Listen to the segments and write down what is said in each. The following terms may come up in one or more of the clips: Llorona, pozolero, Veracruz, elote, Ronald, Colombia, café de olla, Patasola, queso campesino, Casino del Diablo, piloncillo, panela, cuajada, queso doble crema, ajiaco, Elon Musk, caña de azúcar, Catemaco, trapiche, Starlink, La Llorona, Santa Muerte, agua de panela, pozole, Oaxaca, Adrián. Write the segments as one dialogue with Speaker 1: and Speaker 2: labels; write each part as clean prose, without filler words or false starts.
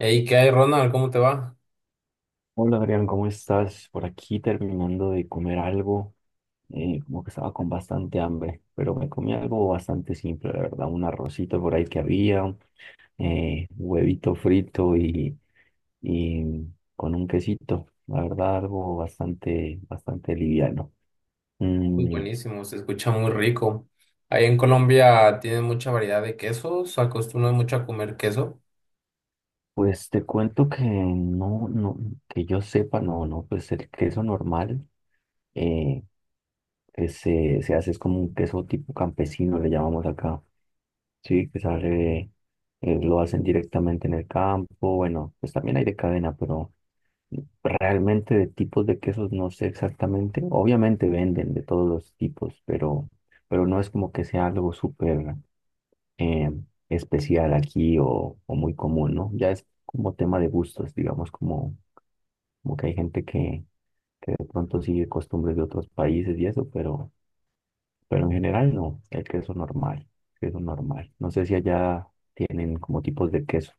Speaker 1: Hey, ¿qué hay, Ronald? ¿Cómo te va?
Speaker 2: Hola Adrián, ¿cómo estás? Por aquí terminando de comer algo, como que estaba con bastante hambre, pero me comí algo bastante simple, la verdad, un arrocito por ahí que había, huevito frito y, y con un quesito, la verdad, algo bastante, bastante liviano.
Speaker 1: Muy
Speaker 2: Mm.
Speaker 1: buenísimo, se escucha muy rico. Ahí en Colombia tienen mucha variedad de quesos, se mucho a comer queso.
Speaker 2: Pues te cuento que no, no, que yo sepa, no, no, pues el queso normal, eh, que se hace, es como un queso tipo campesino, le llamamos acá, sí, que sale, lo hacen directamente en el campo. Bueno, pues también hay de cadena, pero realmente de tipos de quesos no sé exactamente, obviamente venden de todos los tipos, pero, no es como que sea algo súper, eh, especial aquí o muy común, ¿no? Ya es como tema de gustos, digamos, como que hay gente que de pronto sigue costumbres de otros países y eso, pero, en general no, el queso normal, queso normal. No sé si allá tienen como tipos de queso.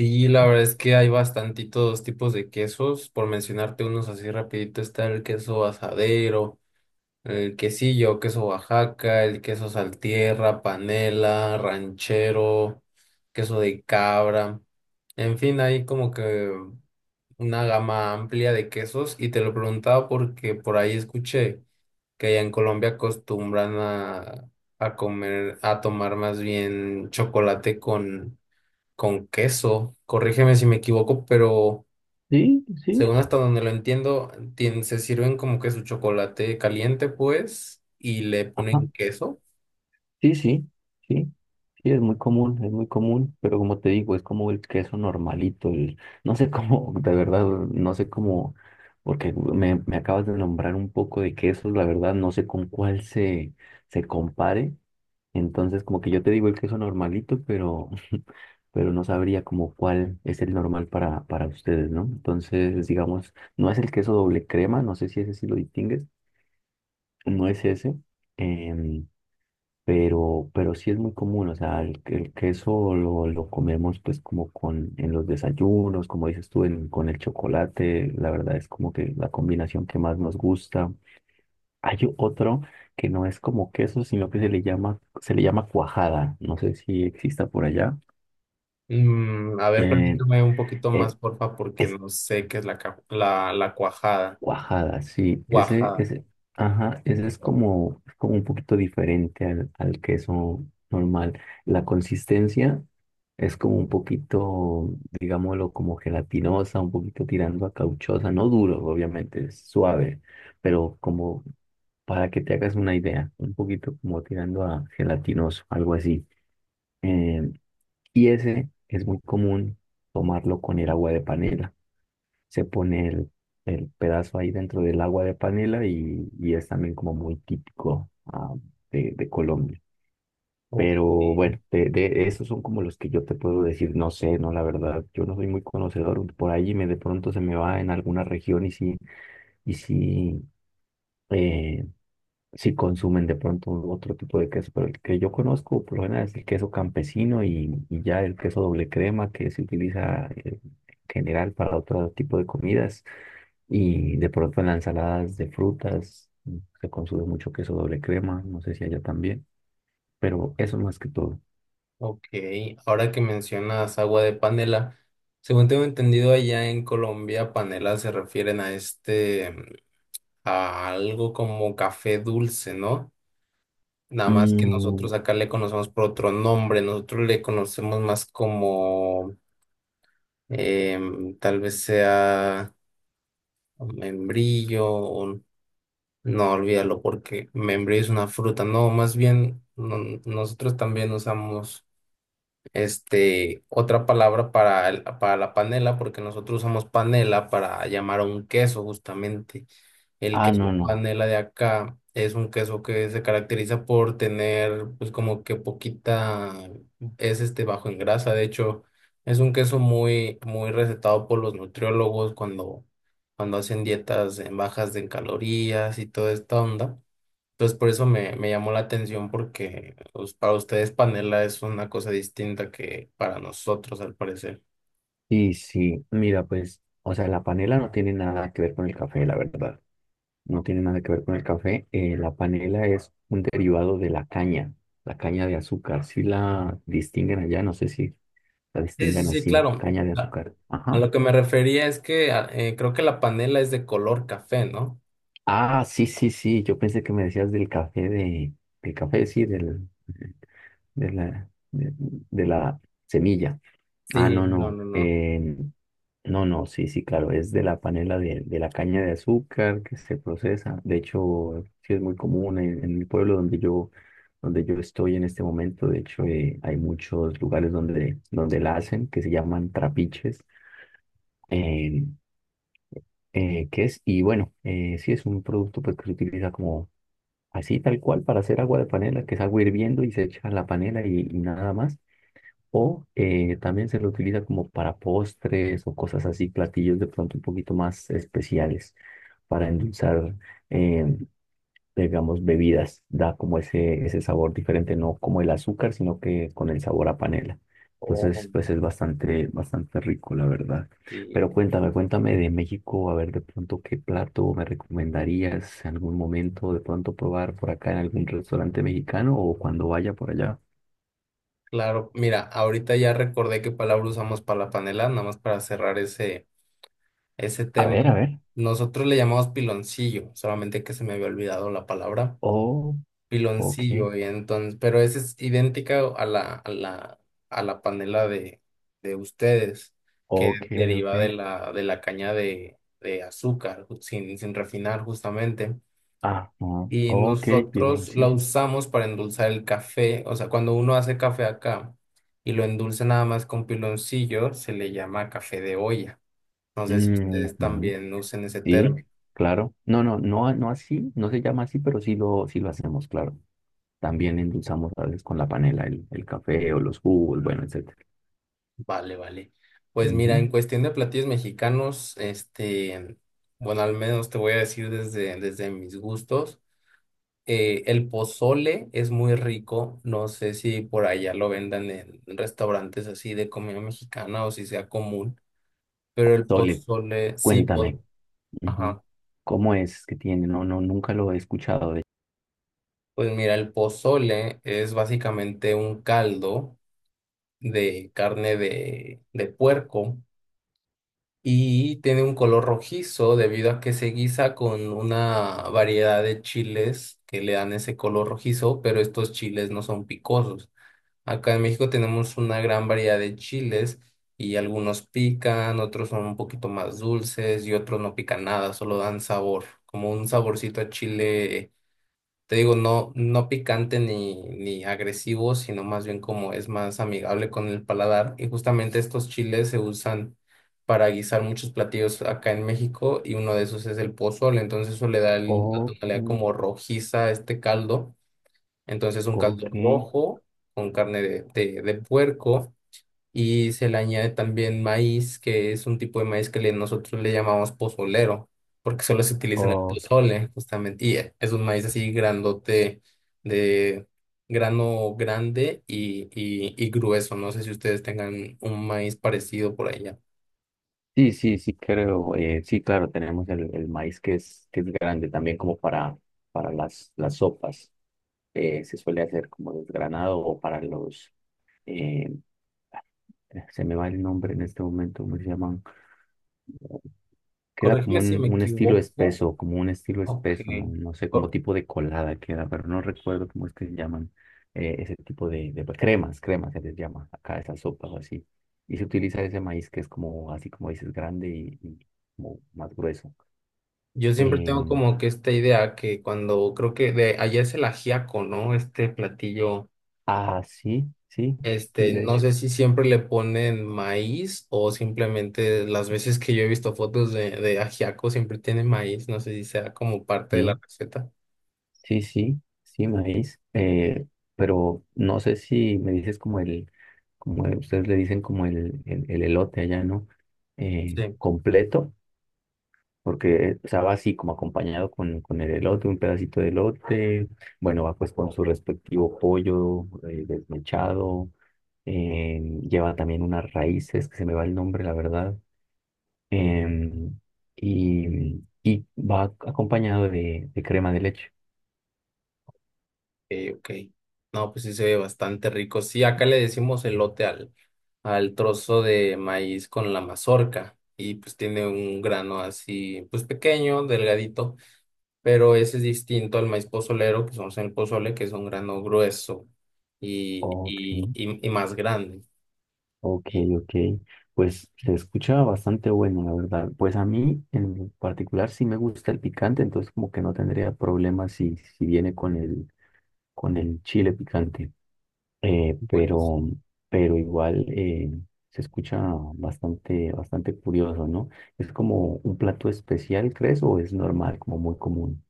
Speaker 1: Y la verdad es que hay bastantitos tipos de quesos. Por mencionarte unos así rapidito, está el queso asadero, el quesillo, queso Oaxaca, el queso saltierra, panela, ranchero, queso de cabra. En fin, hay como que una gama amplia de quesos y te lo preguntaba porque por ahí escuché que allá en Colombia acostumbran a comer, a tomar más bien chocolate con queso. Corrígeme si me equivoco, pero
Speaker 2: Sí, sí.
Speaker 1: según hasta donde lo entiendo, se sirven como que su chocolate caliente, pues, y le ponen queso.
Speaker 2: Sí, sí, sí, sí, es muy común, pero como te digo, es como el queso normalito, el, no sé cómo, de verdad, no sé cómo, porque me acabas de nombrar un poco de quesos, la verdad, no sé con cuál se compare, entonces como que yo te digo el queso normalito, pero, no sabría como cuál es el normal para, ustedes, ¿no? Entonces, digamos, no es el queso doble crema, no sé si ese sí lo distingues, no es ese, em, pero, sí es muy común. O sea, el queso lo comemos pues como con, en los desayunos, como dices tú, con el chocolate, la verdad es como que la combinación que más nos gusta. Hay otro que no es como queso, sino que se le llama, cuajada, no sé si exista por allá.
Speaker 1: Mm, a ver,
Speaker 2: Eh,
Speaker 1: platícame un poquito más,
Speaker 2: eh,
Speaker 1: porfa, porque
Speaker 2: es,
Speaker 1: no sé qué es la cuajada.
Speaker 2: Guajada, sí, ese,
Speaker 1: Cuajada.
Speaker 2: ese, ajá, ese es como un poquito diferente al queso normal. La consistencia es como un poquito, digámoslo, como gelatinosa, un poquito tirando a cauchosa, no duro, obviamente, es suave, pero como para que te hagas una idea, un poquito como tirando a gelatinoso, algo así. Eh, y ese es muy común tomarlo con el agua de panela. Se pone el pedazo ahí dentro del agua de panela, y, es también como muy típico, de, Colombia.
Speaker 1: Ok.
Speaker 2: Pero bueno, de, esos son como los que yo te puedo decir, no sé. No, la verdad, yo no soy muy conocedor, por ahí me de pronto se me va en alguna región, y sí, y sí eh, si consumen de pronto otro tipo de queso, pero el que yo conozco por lo general es el queso campesino, y, ya el queso doble crema que se utiliza, en general para otro tipo de comidas, y de pronto en las ensaladas de frutas, se consume mucho queso doble crema, no sé si allá también, pero eso más que todo.
Speaker 1: Ok, ahora que mencionas agua de panela, según tengo entendido allá en Colombia, panela se refieren a este, a algo como café dulce, ¿no? Nada más que
Speaker 2: Mm.
Speaker 1: nosotros acá le conocemos por otro nombre, nosotros le conocemos más como, tal vez sea membrillo, no, olvídalo porque membrillo es una fruta. No, más bien nosotros también usamos este, otra palabra para, para la panela, porque nosotros usamos panela para llamar a un queso justamente. El
Speaker 2: Ah, no,
Speaker 1: queso
Speaker 2: no.
Speaker 1: panela de acá es un queso que se caracteriza por tener, pues como que poquita, es este bajo en grasa. De hecho, es un queso muy, muy recetado por los nutriólogos cuando, cuando hacen dietas en bajas en calorías y toda esta onda. Entonces, por eso me, me llamó la atención, porque pues, para ustedes panela es una cosa distinta que para nosotros, al parecer.
Speaker 2: Sí, sí, mira, pues, o sea, la panela no tiene nada que ver con el café, la verdad. No tiene nada que ver con el café. La panela es un derivado de la caña de azúcar. Si la distinguen allá, no sé si la
Speaker 1: Sí, sí,
Speaker 2: distingan
Speaker 1: sí,
Speaker 2: así,
Speaker 1: claro.
Speaker 2: caña de
Speaker 1: A
Speaker 2: azúcar.
Speaker 1: a
Speaker 2: Ajá.
Speaker 1: lo que me refería es que creo que la panela es de color café, ¿no?
Speaker 2: Ah, sí, sí, sí. Yo pensé que me decías del café de, del café, sí, de la, de de la semilla. Ah,
Speaker 1: Sí,
Speaker 2: no,
Speaker 1: no,
Speaker 2: no.
Speaker 1: no, no.
Speaker 2: No, no, sí, sí, claro. Es de la panela de, la caña de azúcar que se procesa. De hecho, sí es muy común en, el pueblo donde yo, estoy en este momento. De hecho, hay muchos lugares donde, la hacen, que se llaman trapiches. Eh, ¿Qué es? Y bueno, sí es un producto, pues, que se utiliza como así, tal cual, para hacer agua de panela, que es agua hirviendo y se echa la panela, y nada más. O, también se lo utiliza como para postres o cosas así, platillos de pronto un poquito más especiales para endulzar, eh, digamos, bebidas. Da como ese, sabor diferente, no como el azúcar, sino que con el sabor a panela.
Speaker 1: Oh,
Speaker 2: Entonces, pues es bastante, bastante rico, la verdad.
Speaker 1: sí,
Speaker 2: Pero cuéntame, cuéntame de México, a ver de pronto qué plato me recomendarías en algún momento, de pronto probar por acá en algún restaurante mexicano o cuando vaya por allá.
Speaker 1: claro. Mira, ahorita ya recordé qué palabra usamos para la panela, nada más para cerrar ese
Speaker 2: A
Speaker 1: tema.
Speaker 2: ver, a ver.
Speaker 1: Nosotros le llamamos piloncillo, solamente que se me había olvidado la palabra.
Speaker 2: Oh, ok.
Speaker 1: Piloncillo y entonces, pero esa es idéntica a a la panela de ustedes, que
Speaker 2: Ok, ok.
Speaker 1: deriva de la caña de azúcar, sin, sin refinar justamente.
Speaker 2: Ajá.
Speaker 1: Y
Speaker 2: Ok,
Speaker 1: nosotros la
Speaker 2: piloncillo.
Speaker 1: usamos para endulzar el café, o sea, cuando uno hace café acá y lo endulza nada más con piloncillo, se le llama café de olla. No sé si ustedes
Speaker 2: Ujú.
Speaker 1: también usen ese
Speaker 2: Sí,
Speaker 1: término.
Speaker 2: claro. No, no, no, no así, no se llama así, pero sí lo hacemos, claro. También endulzamos a veces con la panela el café o los jugos, bueno, etcétera.
Speaker 1: Vale, vale. Pues mira, en
Speaker 2: Ujú.
Speaker 1: cuestión de platillos mexicanos, este, bueno, al menos te voy a decir desde, desde mis gustos. El pozole es muy rico. No sé si por allá lo vendan en restaurantes así de comida mexicana o si sea común, pero el
Speaker 2: Sole,
Speaker 1: pozole, sí,
Speaker 2: cuéntame, ujú.
Speaker 1: ajá.
Speaker 2: ¿Cómo es que tiene? No, no, nunca lo he escuchado de.
Speaker 1: Pues mira, el pozole es básicamente un caldo de carne de puerco y tiene un color rojizo debido a que se guisa con una variedad de chiles que le dan ese color rojizo, pero estos chiles no son picosos. Acá en México tenemos una gran variedad de chiles y algunos pican, otros son un poquito más dulces y otros no pican nada, solo dan sabor, como un saborcito a chile, te digo, no, no picante ni agresivo, sino más bien como es más amigable con el paladar. Y justamente estos chiles se usan para guisar muchos platillos acá en México y uno de esos es el pozole. Entonces eso le da la
Speaker 2: Ok,
Speaker 1: tonalidad como rojiza a este caldo. Entonces un caldo
Speaker 2: ok,
Speaker 1: rojo con carne de puerco y se le añade también maíz, que es un tipo de maíz que nosotros le llamamos pozolero, porque solo se utiliza en el
Speaker 2: ok.
Speaker 1: pozole, justamente, y es un maíz así grandote, de grano grande y grueso. No sé si ustedes tengan un maíz parecido por allá.
Speaker 2: Sí, sí, sí, creo. Sí, claro, tenemos el maíz que es, grande también como para, las, sopas. Se suele hacer como desgranado o para los. eh, Se me va el nombre en este momento, ¿cómo se llaman? Queda como
Speaker 1: Corrígeme si
Speaker 2: un,
Speaker 1: me
Speaker 2: un estilo
Speaker 1: equivoco.
Speaker 2: espeso, como un estilo
Speaker 1: Ok.
Speaker 2: espeso, no, no sé, como
Speaker 1: Co-
Speaker 2: tipo de colada queda, pero no recuerdo cómo es que se llaman, ese tipo de, cremas, cremas se les llama acá, a esas sopas o así. Y se utiliza ese maíz que es como, así como dices, grande y como más grueso.
Speaker 1: Yo siempre tengo
Speaker 2: Em,
Speaker 1: como que esta idea que cuando creo que de allá es el ajiaco, ¿no? Este platillo.
Speaker 2: ah, sí, sí, sí,
Speaker 1: Este,
Speaker 2: de
Speaker 1: no
Speaker 2: hecho.
Speaker 1: sé si siempre le ponen maíz o simplemente las veces que yo he visto fotos de ajiaco siempre tiene maíz, no sé si sea como parte de la
Speaker 2: Sí,
Speaker 1: receta.
Speaker 2: sí, sí, sí, maíz. Pero no sé si me dices como el, ustedes le dicen como el elote allá, ¿no?
Speaker 1: Sí.
Speaker 2: Completo, porque o sea, va así como acompañado con, el elote, un pedacito de elote. Bueno, va pues con su respectivo pollo, desmechado. eh, Lleva también unas raíces, que se me va el nombre, la verdad. em, y, va acompañado de, crema de leche.
Speaker 1: Ok, ok. No, pues sí se ve bastante rico. Sí, acá le decimos elote al trozo de maíz con la mazorca y pues tiene un grano así, pues pequeño, delgadito, pero ese es distinto al maíz pozolero que usamos en el pozole, que es un grano grueso
Speaker 2: Ok,
Speaker 1: y más grande.
Speaker 2: ok,
Speaker 1: Y
Speaker 2: ok. Pues se escucha bastante bueno, la verdad. Pues a mí en particular sí me gusta el picante, entonces como que no tendría problema si viene con el, chile picante. Pero,
Speaker 1: buenísimo.
Speaker 2: igual, se escucha bastante, bastante curioso, ¿no? ¿Es como un plato especial, crees, o es normal, como muy común?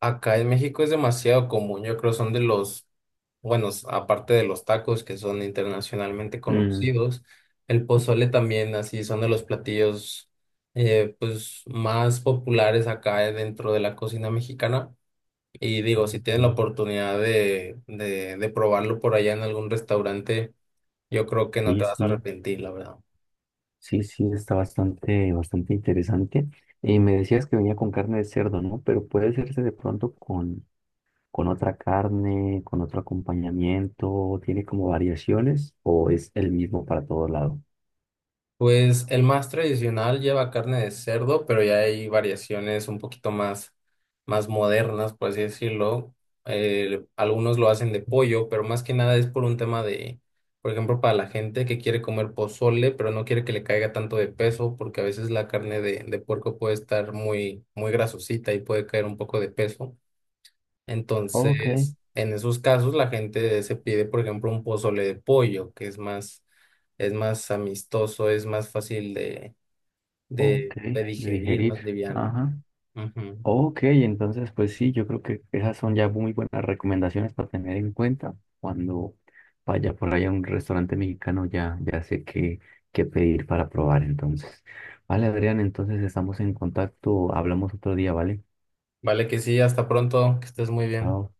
Speaker 1: Acá en México es demasiado común, yo creo son de los, bueno, aparte de los tacos que son internacionalmente
Speaker 2: Mm,
Speaker 1: conocidos, el pozole también así son de los platillos pues más populares acá dentro de la cocina mexicana. Y digo, si tienen la
Speaker 2: ok.
Speaker 1: oportunidad de probarlo por allá en algún restaurante, yo creo que no
Speaker 2: Sí,
Speaker 1: te vas a
Speaker 2: sí,
Speaker 1: arrepentir, la verdad.
Speaker 2: sí, sí, está bastante, bastante interesante. Y me decías que venía con carne de cerdo, ¿no? Pero puede hacerse de pronto con, otra carne, con otro acompañamiento, tiene como variaciones, o es el mismo para todo lado.
Speaker 1: Pues el más tradicional lleva carne de cerdo, pero ya hay variaciones un poquito más, más modernas, por así decirlo. Algunos lo hacen de pollo, pero más que nada es por un tema de, por ejemplo, para la gente que quiere comer pozole, pero no quiere que le caiga tanto de peso, porque a veces la carne de puerco puede estar muy, muy grasosita y puede caer un poco de peso.
Speaker 2: Ok,
Speaker 1: Entonces, en esos casos, la gente se pide, por ejemplo, un pozole de pollo, que es más amistoso, es más fácil
Speaker 2: ok,
Speaker 1: de
Speaker 2: de
Speaker 1: digerir,
Speaker 2: digerir.
Speaker 1: más liviano.
Speaker 2: Ajá.
Speaker 1: Ujú.
Speaker 2: Ok, entonces pues sí, yo creo que esas son ya muy buenas recomendaciones para tener en cuenta cuando vaya por ahí a un restaurante mexicano, ya, ya sé qué, qué pedir para probar entonces. Vale, Adrián, entonces estamos en contacto, hablamos otro día, ¿vale?
Speaker 1: Vale, que sí, hasta pronto, que estés muy bien.
Speaker 2: Chao.